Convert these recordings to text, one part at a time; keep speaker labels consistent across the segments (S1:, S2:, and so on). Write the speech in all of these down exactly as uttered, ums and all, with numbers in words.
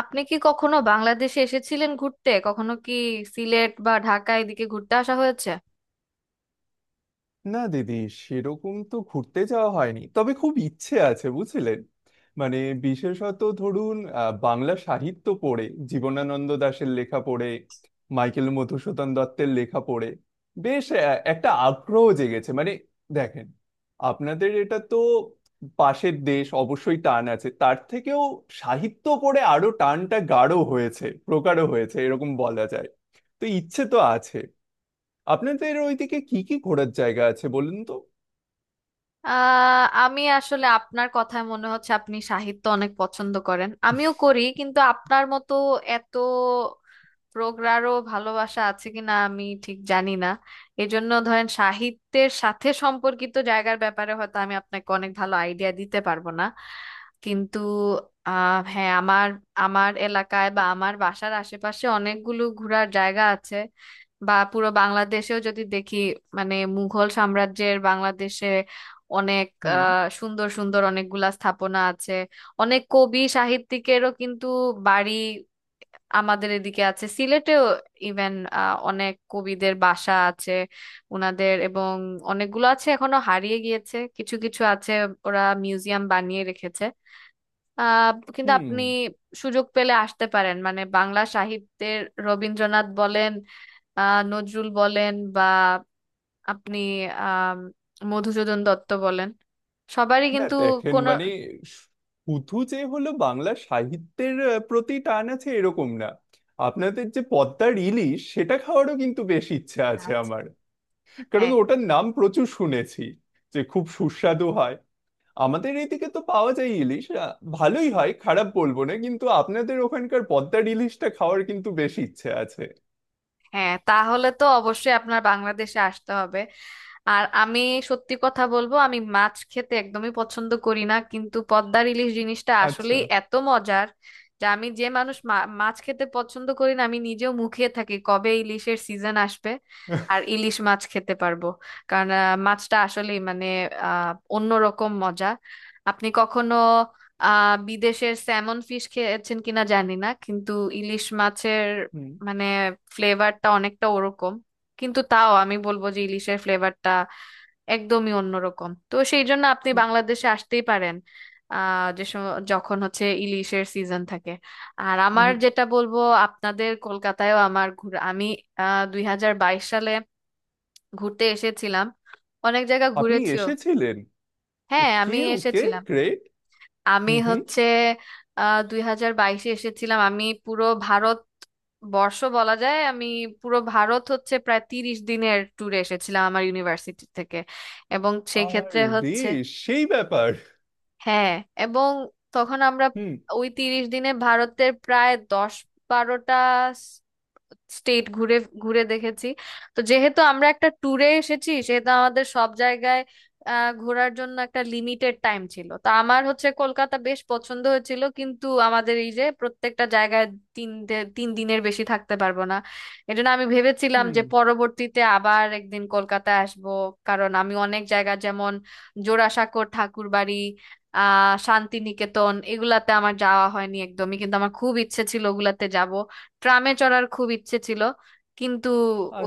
S1: আপনি কি কখনো বাংলাদেশে এসেছিলেন ঘুরতে? কখনো কি সিলেট বা ঢাকা এদিকে ঘুরতে আসা হয়েছে?
S2: না দিদি, সেরকম তো ঘুরতে যাওয়া হয়নি, তবে খুব ইচ্ছে আছে বুঝলেন। মানে বিশেষত ধরুন আহ, বাংলা সাহিত্য পড়ে, জীবনানন্দ দাশের লেখা পড়ে, মাইকেল মধুসূদন দত্তের লেখা পড়ে বেশ আহ, একটা আগ্রহ জেগেছে। মানে দেখেন, আপনাদের এটা তো পাশের দেশ, অবশ্যই টান আছে, তার থেকেও সাহিত্য পড়ে আরো টানটা গাঢ় হয়েছে, প্রগাঢ় হয়েছে, এরকম বলা যায়। তো ইচ্ছে তো আছে। আপনাদের ওইদিকে কি কি ঘোরার জায়গা আছে বলুন তো।
S1: আহ আমি আসলে আপনার কথায় মনে হচ্ছে আপনি সাহিত্য অনেক পছন্দ করেন, আমিও করি, কিন্তু আপনার মতো এত প্রগাঢ় ভালোবাসা আছে কিনা আমি ঠিক জানি না। এজন্য ধরেন সাহিত্যের সাথে সম্পর্কিত জায়গার ব্যাপারে হয়তো আমি আপনাকে অনেক ভালো আইডিয়া দিতে পারবো না, কিন্তু আহ হ্যাঁ, আমার আমার এলাকায় বা আমার বাসার আশেপাশে অনেকগুলো ঘোরার জায়গা আছে, বা পুরো বাংলাদেশেও যদি দেখি, মানে মুঘল সাম্রাজ্যের বাংলাদেশে অনেক
S2: হুম
S1: আহ, সুন্দর সুন্দর অনেকগুলা স্থাপনা আছে। অনেক কবি সাহিত্যিকেরও কিন্তু বাড়ি আমাদের এদিকে আছে, সিলেটেও ইভেন অনেক কবিদের বাসা আছে উনাদের, এবং অনেকগুলো আছে, এখনো হারিয়ে গিয়েছে, কিছু কিছু আছে, ওরা মিউজিয়াম বানিয়ে রেখেছে। আহ কিন্তু
S2: হুম।
S1: আপনি সুযোগ পেলে আসতে পারেন, মানে বাংলা সাহিত্যের রবীন্দ্রনাথ বলেন, আহ নজরুল বলেন, বা আপনি আহ মধুসূদন দত্ত বলেন, সবারই
S2: না
S1: কিন্তু
S2: দেখেন,
S1: কোনো।
S2: মানে শুধু যে হলো বাংলা সাহিত্যের আহ, প্রতি টান আছে এরকম না। আপনাদের যে পদ্মার ইলিশ, সেটা খাওয়ারও কিন্তু বেশ ইচ্ছা আছে
S1: আচ্ছা,
S2: আমার। কারণ
S1: হ্যাঁ।
S2: ওটার নাম প্রচুর শুনেছি যে খুব সুস্বাদু হয়। আমাদের এইদিকে তো পাওয়া যায় ইলিশ, আহ, ভালোই হয়, খারাপ বলবো না, কিন্তু আপনাদের ওখানকার পদ্মার ইলিশটা খাওয়ার কিন্তু বেশ ইচ্ছে আছে।
S1: হ্যাঁ, তাহলে তো অবশ্যই আপনার বাংলাদেশে আসতে হবে। আর আমি সত্যি কথা বলবো, আমি মাছ খেতে একদমই পছন্দ করি না, কিন্তু পদ্মার ইলিশ জিনিসটা
S2: আচ্ছা।
S1: আসলেই এত মজার যে আমি, যে মানুষ মা- মাছ খেতে পছন্দ করি না, আমি নিজেও মুখিয়ে থাকি কবে ইলিশের সিজন আসবে আর ইলিশ মাছ খেতে পারবো। কারণ আহ, মাছটা আসলেই মানে আহ অন্যরকম মজা। আপনি কখনো আহ বিদেশের স্যামন ফিশ খেয়েছেন কিনা জানি না, কিন্তু ইলিশ মাছের
S2: হুম
S1: মানে ফ্লেভারটা অনেকটা ওরকম, কিন্তু তাও আমি বলবো যে ইলিশের ফ্লেভারটা একদমই অন্যরকম, তো সেই জন্য আপনি
S2: হুম,
S1: বাংলাদেশে আসতেই পারেন আহ যে সম- যখন হচ্ছে ইলিশের সিজন থাকে। আর আমার
S2: হুম।
S1: যেটা বলবো, আপনাদের কলকাতায়ও আমার ঘুরে আমি আহ দুই হাজার বাইশ সালে ঘুরতে এসেছিলাম, অনেক জায়গা
S2: আপনি
S1: ঘুরেছিও।
S2: এসেছিলেন?
S1: হ্যাঁ,
S2: ওকে
S1: আমি
S2: ওকে,
S1: এসেছিলাম।
S2: গ্রেট।
S1: আমি
S2: হুম হুম।
S1: হচ্ছে আহ দুই হাজার বাইশে এসেছিলাম। আমি পুরো ভারত বর্ষ বলা যায়, আমি পুরো ভারত হচ্ছে প্রায় তিরিশ দিনের ট্যুরে এসেছিলাম আমার ইউনিভার্সিটি থেকে, এবং সেই ক্ষেত্রে
S2: আরে,
S1: হচ্ছে,
S2: সেই ব্যাপার।
S1: হ্যাঁ, এবং তখন আমরা
S2: হুম
S1: ওই তিরিশ দিনে ভারতের প্রায় দশ বারোটা স্টেট ঘুরে ঘুরে দেখেছি। তো যেহেতু আমরা একটা ট্যুরে এসেছি, সেহেতু আমাদের সব জায়গায় আহ ঘোরার জন্য একটা লিমিটেড টাইম ছিল, তা আমার হচ্ছে কলকাতা বেশ পছন্দ হয়েছিল, কিন্তু আমাদের এই যে প্রত্যেকটা জায়গায় তিন দে- তিন দিনের বেশি থাকতে পারবো না। এজন্য আমি ভেবেছিলাম
S2: হুম।
S1: যে পরবর্তীতে আবার একদিন কলকাতা আসব, কারণ আমি অনেক জায়গা যেমন জোড়াসাঁকোর ঠাকুরবাড়ি, আহ শান্তিনিকেতন, এগুলাতে আমার যাওয়া হয়নি একদমই, কিন্তু আমার খুব ইচ্ছে ছিল ওগুলাতে যাব। ট্রামে চড়ার খুব ইচ্ছে ছিল, কিন্তু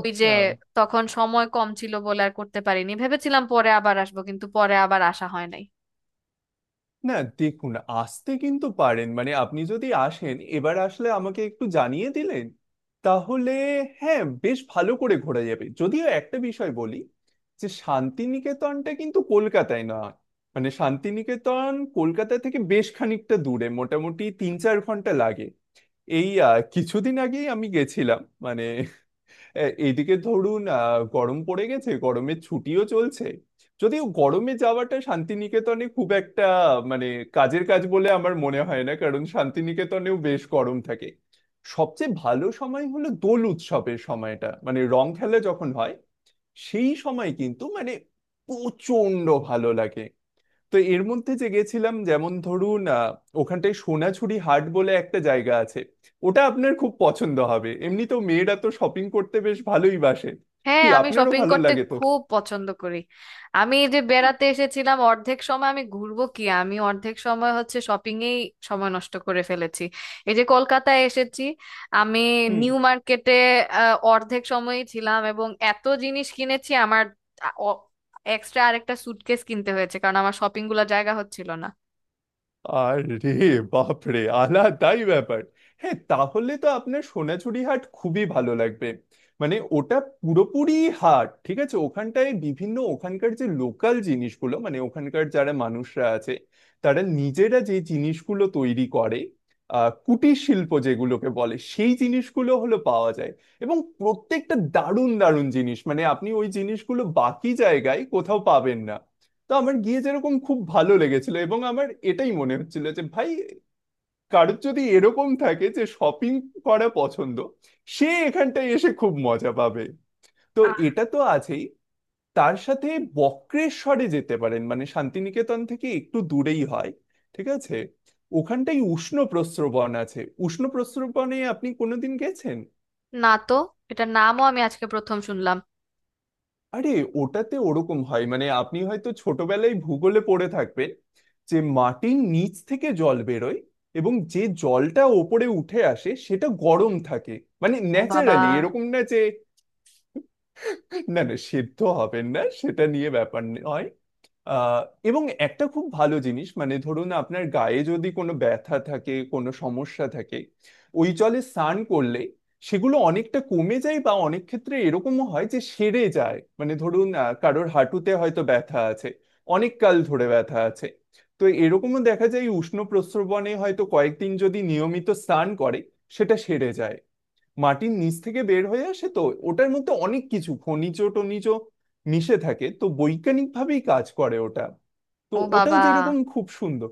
S1: ওই যে তখন সময় কম ছিল বলে আর করতে পারিনি, ভেবেছিলাম পরে আবার আসবো, কিন্তু পরে আবার আসা হয় নাই।
S2: না দেখুন, আসতে কিন্তু পারেন। মানে আপনি যদি আসেন, এবার আসলে আমাকে একটু জানিয়ে দিলেন, তাহলে হ্যাঁ বেশ ভালো করে ঘোরা যাবে। যদিও একটা বিষয় বলি, যে শান্তিনিকেতনটা কিন্তু কলকাতায় নয়। মানে শান্তিনিকেতন কলকাতা থেকে বেশ খানিকটা দূরে, মোটামুটি তিন চার ঘন্টা লাগে। এই আহ, কিছুদিন আগেই আমি গেছিলাম, মানে এ- এদিকে ধরুন আহ, গরম পড়ে গেছে, গরমের ছুটিও চলছে। যদিও গরমে যাওয়াটা শান্তিনিকেতনে খুব একটা, মানে কাজের কাজ বলে আমার মনে হয় না, কারণ শান্তিনিকেতনেও বেশ গরম থাকে। সবচেয়ে ভালো সময় হলো দোল উৎসবের সময়টা, মানে রং খেলা যখন হয়, সেই সময় কিন্তু মানে প্রচন্ড ভালো লাগে। তো এর মধ্যে যে গেছিলাম, যেমন ধরুন আহ, ওখানটায় সোনাঝুরি হাট বলে একটা জায়গা আছে। ওটা আপনার খুব পছন্দ হবে, এমনিতেও মেয়েরা তো শপিং করতে বেশ ভালোই বাসে।
S1: হ্যাঁ,
S2: কি
S1: আমি
S2: আপনারও
S1: শপিং
S2: ভালো
S1: করতে
S2: লাগে তো?
S1: খুব পছন্দ করি। আমি এই যে বেড়াতে এসেছিলাম, অর্ধেক সময় আমি ঘুরবো কি, আমি অর্ধেক সময় হচ্ছে শপিং এই সময় নষ্ট করে ফেলেছি। এই যে কলকাতায় এসেছি আমি
S2: হুম।
S1: নিউ মার্কেটে আহ, অর্ধেক সময়ই ছিলাম, এবং এত জিনিস কিনেছি আমার আ- অ- এক্সট্রা আরেকটা সুটকেস কিনতে হয়েছে, কারণ আমার শপিং গুলো জায়গা হচ্ছিল না।
S2: আরে বাপরে, আলাদাই ব্যাপার। হ্যাঁ তাহলে তো আপনার সোনাঝুরি হাট খুবই ভালো লাগবে। মানে ওটা পুরোপুরি হাট, ঠিক আছে। ওখানটায় বিভিন্ন ওখানকার যে লোকাল জিনিসগুলো, মানে ওখানকার যারা মানুষরা আছে, তারা নিজেরা যে জিনিসগুলো তৈরি করে, আহ কুটির শিল্প যেগুলোকে বলে, সেই জিনিসগুলো হলো পাওয়া যায়। এবং প্রত্যেকটা দারুণ দারুণ জিনিস, মানে আপনি ওই জিনিসগুলো বাকি জায়গায় কোথাও পাবেন না। তো আমার গিয়ে যেরকম খুব ভালো লেগেছিল, এবং আমার এটাই মনে হচ্ছিল যে ভাই, কারোর যদি এরকম থাকে যে শপিং করা পছন্দ, সে এখানটায় এসে খুব মজা পাবে। তো
S1: আহ
S2: এটা তো আছেই, তার সাথে বক্রেশ্বরে যেতে পারেন, মানে শান্তিনিকেতন থেকে একটু দূরেই হয়, ঠিক আছে। ওখানটায় উষ্ণ প্রস্রবণ আছে। উষ্ণ প্রস্রবণে আপনি কোনোদিন গেছেন?
S1: না, তো এটার নামও আমি আজকে প্রথম শুনলাম।
S2: আরে, ওটাতে ওরকম হয়, মানে আপনি হয়তো ছোটবেলায় ভূগোলে পড়ে থাকবেন, যে মাটির নিচ থেকে জল বেরোয়, এবং যে জলটা ওপরে উঠে আসে সেটা গরম থাকে। মানে
S1: ও বাবা।
S2: ন্যাচারালি, এরকম না যে, না না, সেদ্ধ হবেন না, সেটা নিয়ে ব্যাপার নয়। আহ এবং একটা খুব ভালো জিনিস, মানে ধরুন আপনার গায়ে যদি কোনো ব্যথা থাকে, কোনো সমস্যা থাকে, ওই জলে স্নান করলে সেগুলো অনেকটা কমে যায়, বা অনেক ক্ষেত্রে এরকমও হয় যে সেরে যায়। মানে ধরুন আহ, কারোর হাঁটুতে হয়তো ব্যথা আছে, অনেক কাল ধরে ব্যথা আছে, তো এরকমও দেখা যায়, উষ্ণ প্রস্রবণে হয়তো কয়েকদিন যদি নিয়মিত স্নান করে, সেটা সেরে যায়। মাটির নিচ থেকে বের হয়ে আসে তো, ওটার মধ্যে অনেক কিছু খনিজ টনিজ মিশে থাকে, তো বৈজ্ঞানিক ভাবেই কাজ করে ওটা। তো
S1: ও
S2: ওটাও
S1: বাবা।
S2: যেরকম খুব সুন্দর।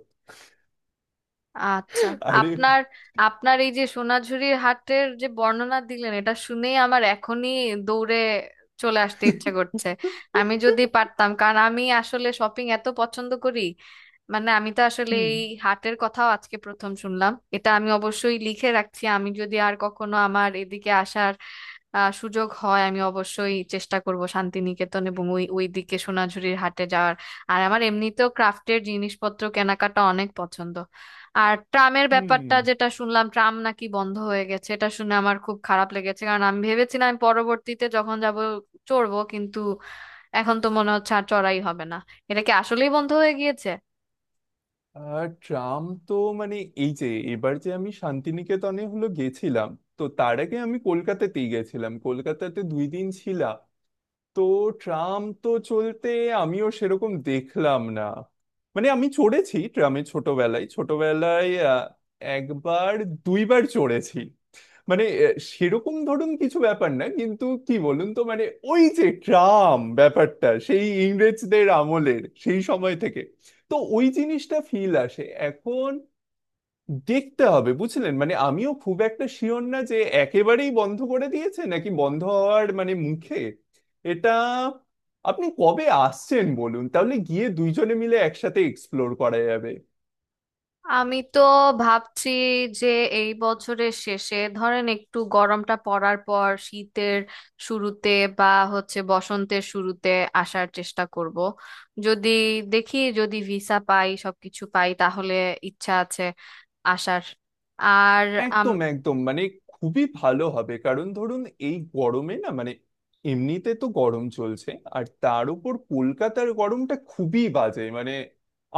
S1: আচ্ছা।
S2: আরে।
S1: আপনার আপনার এই যে সোনাঝুরির হাটের যে বর্ণনা দিলেন, এটা শুনেই আমার এখনই দৌড়ে চলে আসতে ইচ্ছা করছে আমি যদি পারতাম, কারণ আমি আসলে শপিং এত পছন্দ করি। মানে আমি তো আসলে
S2: হুম
S1: এই হাটের কথাও আজকে প্রথম শুনলাম, এটা আমি অবশ্যই লিখে রাখছি। আমি যদি আর কখনো আমার এদিকে আসার আহ, সুযোগ হয়, আমি অবশ্যই চেষ্টা করব শান্তিনিকেতন এবং ওই ওই দিকে সোনাঝুরির হাটে যাওয়ার। আর আমার এমনিতেও ক্রাফটের জিনিসপত্র কেনাকাটা অনেক পছন্দ। আর ট্রামের ব্যাপারটা
S2: হুম।
S1: যেটা শুনলাম, ট্রাম নাকি বন্ধ হয়ে গেছে, এটা শুনে আমার খুব খারাপ লেগেছে, কারণ আমি ভেবেছিলাম আমি পরবর্তীতে যখন যাব চড়বো, কিন্তু এখন তো মনে হচ্ছে আর চড়াই হবে না। এটা কি আসলেই বন্ধ হয়ে গিয়েছে?
S2: আর ট্রাম তো, মানে এই যে, এবার যে আমি শান্তিনিকেতনে হলো গেছিলাম, তো তার আগে আমি কলকাতাতেই গেছিলাম, কলকাতাতে দুই দিন ছিলাম। তো ট্রাম তো চলতে আমিও সেরকম দেখলাম না। মানে আমি চড়েছি ট্রামে, ছোটবেলায় ছোটবেলায় আহ, একবার দুইবার চড়েছি। মানে আহ, সেরকম ধরুন কিছু ব্যাপার না, কিন্তু কি বলুন তো মানে, ওই যে ট্রাম ব্যাপারটা সেই ইংরেজদের আমলের, সেই সময় থেকে, তো ওই জিনিসটা ফিল আসে। এখন দেখতে হবে বুঝলেন, মানে আমিও খুব একটা শিওর না যে একেবারেই বন্ধ করে দিয়েছে, নাকি বন্ধ হওয়ার মানে মুখে এটা। আপনি কবে আসছেন বলুন, তাহলে গিয়ে দুইজনে মিলে একসাথে এক্সপ্লোর করা যাবে।
S1: আমি তো ভাবছি যে এই বছরের শেষে, ধরেন একটু গরমটা পড়ার পর শীতের শুরুতে, বা হচ্ছে বসন্তের শুরুতে আসার চেষ্টা করব, যদি দেখি যদি ভিসা পাই সবকিছু পাই, তাহলে ইচ্ছা আছে আসার। আর আম
S2: একদম একদম, মানে খুবই ভালো হবে, কারণ ধরুন এই গরমে না, মানে এমনিতে তো গরম চলছে, আর তার উপর কলকাতার গরমটা খুবই বাজে, মানে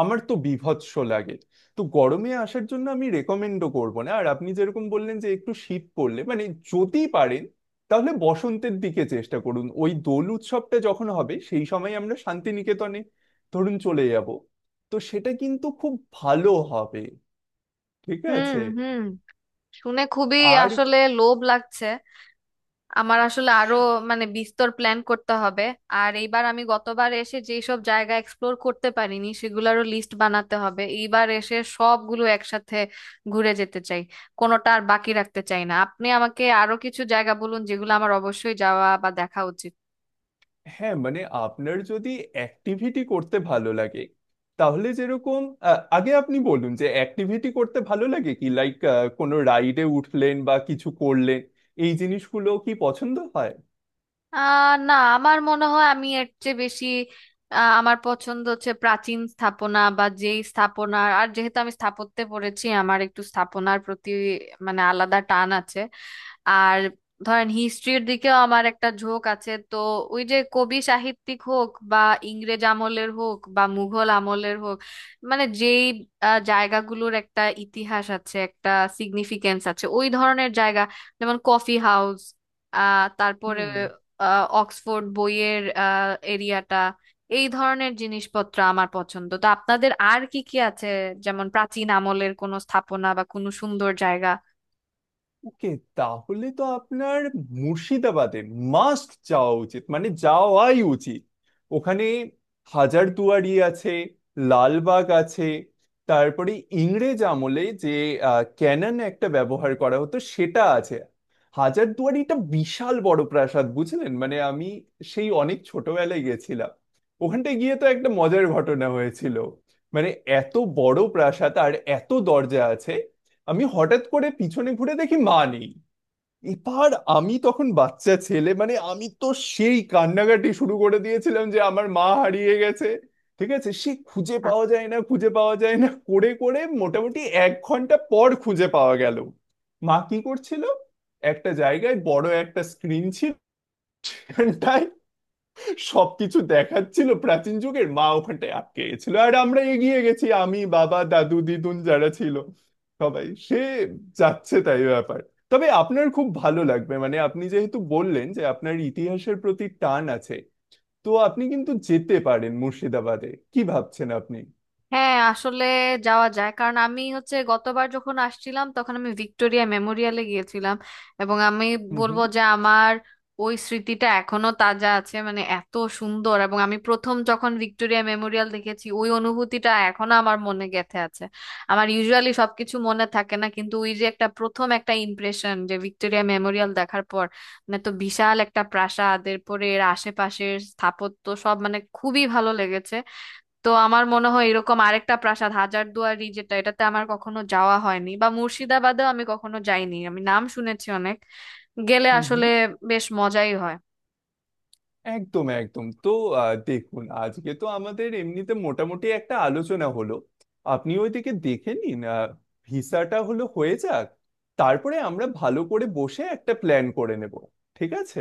S2: আমার তো বীভৎস লাগে। তো গরমে আসার জন্য আমি রেকমেন্ডও করব না, আর আপনি যেরকম বললেন যে একটু শীত পড়লে, মানে যদি পারেন, তাহলে বসন্তের দিকে চেষ্টা করুন। ওই দোল উৎসবটা যখন হবে, সেই সময় আমরা শান্তিনিকেতনে ধরুন চলে যাব, তো সেটা কিন্তু খুব ভালো হবে, ঠিক
S1: হুম,
S2: আছে।
S1: হুম। শুনে খুবই
S2: আর
S1: আসলে লোভ লাগছে। আমার আসলে আরো মানে বিস্তর প্ল্যান করতে হবে। আর এইবার, আমি গতবার এসে যেই সব জায়গা এক্সপ্লোর করতে পারিনি, সেগুলোরও লিস্ট বানাতে হবে। এইবার এসে সবগুলো একসাথে ঘুরে যেতে চাই, কোনোটা আর বাকি রাখতে চাই না। আপনি আমাকে আরো কিছু জায়গা বলুন যেগুলো আমার অবশ্যই যাওয়া বা দেখা উচিত।
S2: হ্যাঁ, মানে আপনার যদি অ্যাক্টিভিটি করতে ভালো লাগে, তাহলে যেরকম, আহ, আগে আপনি বলুন যে অ্যাক্টিভিটি করতে ভালো লাগে কি লাইক, কোনো রাইডে উঠলেন বা কিছু করলেন, এই জিনিসগুলো কি পছন্দ হয়?
S1: আহ না, আমার মনে হয় আমি এর চেয়ে বেশি আহ, আমার পছন্দ হচ্ছে প্রাচীন স্থাপনা, বা যেই স্থাপনা। আর যেহেতু আমি স্থাপত্যে পড়েছি, আমার একটু স্থাপনার প্রতি মানে আলাদা টান আছে। আর ধরেন হিস্ট্রির দিকেও আমার একটা ঝোঁক আছে, তো ওই যে কবি সাহিত্যিক হোক, বা ইংরেজ আমলের হোক, বা মুঘল আমলের হোক, মানে যেই আহ, জায়গাগুলোর একটা ইতিহাস আছে, একটা সিগনিফিকেন্স আছে, ওই ধরনের জায়গা, যেমন কফি হাউস, আহ তারপরে
S2: হুম।
S1: আহ, অক্সফোর্ড বইয়ের আহ, এরিয়াটা। এই ধরনের জিনিসপত্র আমার পছন্দ, তো আপনাদের আর কি কি আছে যেমন প্রাচীন আমলের কোনো স্থাপনা বা কোনো সুন্দর জায়গা?
S2: ওকে, তাহলে তো আপনার মুর্শিদাবাদে মাস্ট যাওয়া উচিত, মানে যাওয়াই উচিত। ওখানে হাজারদুয়ারি আছে, লালবাগ আছে, তারপরে ইংরেজ আমলে যে ক্যানন একটা ব্যবহার করা হতো সেটা আছে। হাজারদুয়ারিটা বিশাল বড় প্রাসাদ বুঝলেন, মানে আমি সেই অনেক ছোটবেলায় গেছিলাম। ওখানটায় গিয়ে তো একটা মজার ঘটনা হয়েছিল, মানে এত বড় প্রাসাদ, আর এত দরজা আছে, আমি হঠাৎ করে পিছনে ঘুরে দেখি মা নেই। এবার আমি তখন বাচ্চা ছেলে, মানে আমি তো সেই কান্নাকাটি শুরু করে দিয়েছিলাম যে আমার মা হারিয়ে গেছে। ঠিক আছে, সে খুঁজে পাওয়া যায় না খুঁজে পাওয়া যায় না করে করে মোটামুটি এক ঘন্টা পর খুঁজে পাওয়া গেল। মা কি করছিল, একটা জায়গায় বড় একটা স্ক্রিন ছিল, সেখানটায় সবকিছু দেখাচ্ছিল প্রাচীন যুগের, মা ওখানটায় আটকে গেছিল, আর আমরা এগিয়ে গেছি, আমি বাবা দাদু দিদুন যারা ছিল সবাই। সে যাচ্ছে তাই ব্যাপার। তবে আপনার খুব ভালো লাগবে, মানে আপনি যেহেতু বললেন যে আপনার ইতিহাসের প্রতি টান আছে, তো আপনি কিন্তু যেতে পারেন মুর্শিদাবাদে। কি ভাবছেন আপনি?
S1: হ্যাঁ, আসলে যাওয়া যায়, কারণ আমি হচ্ছে গতবার যখন আসছিলাম তখন আমি ভিক্টোরিয়া মেমোরিয়ালে গিয়েছিলাম, এবং আমি
S2: হুম
S1: বলবো
S2: হুম।
S1: যে আমার ওই স্মৃতিটা এখনো তাজা আছে, মানে এত সুন্দর, এবং আমি প্রথম যখন ভিক্টোরিয়া মেমোরিয়াল দেখেছি, ওই অনুভূতিটা এখনো আমার মনে গেঁথে আছে। আমার ইউজুয়ালি সবকিছু মনে থাকে না, কিন্তু ওই যে একটা প্রথম একটা ইমপ্রেশন যে ভিক্টোরিয়া মেমোরিয়াল দেখার পর, মানে তো বিশাল একটা প্রাসাদ, এরপরে এর আশেপাশের স্থাপত্য সব মানে খুবই ভালো লেগেছে। তো আমার মনে হয় এরকম আরেকটা প্রাসাদ হাজারদুয়ারি যেটা, এটাতে আমার কখনো যাওয়া হয়নি, বা মুর্শিদাবাদেও আমি কখনো যাইনি, আমি নাম শুনেছি অনেক, গেলে
S2: হুম
S1: আসলে
S2: হুম।
S1: বেশ মজাই হয়।
S2: একদম একদম তো। আহ, দেখুন আজকে তো আমাদের এমনিতে মোটামুটি একটা আলোচনা হলো। আপনি ওইদিকে দেখে নিন, আহ, ভিসাটা হলো হয়ে যাক, তারপরে আমরা ভালো করে বসে একটা প্ল্যান করে নেব, ঠিক আছে।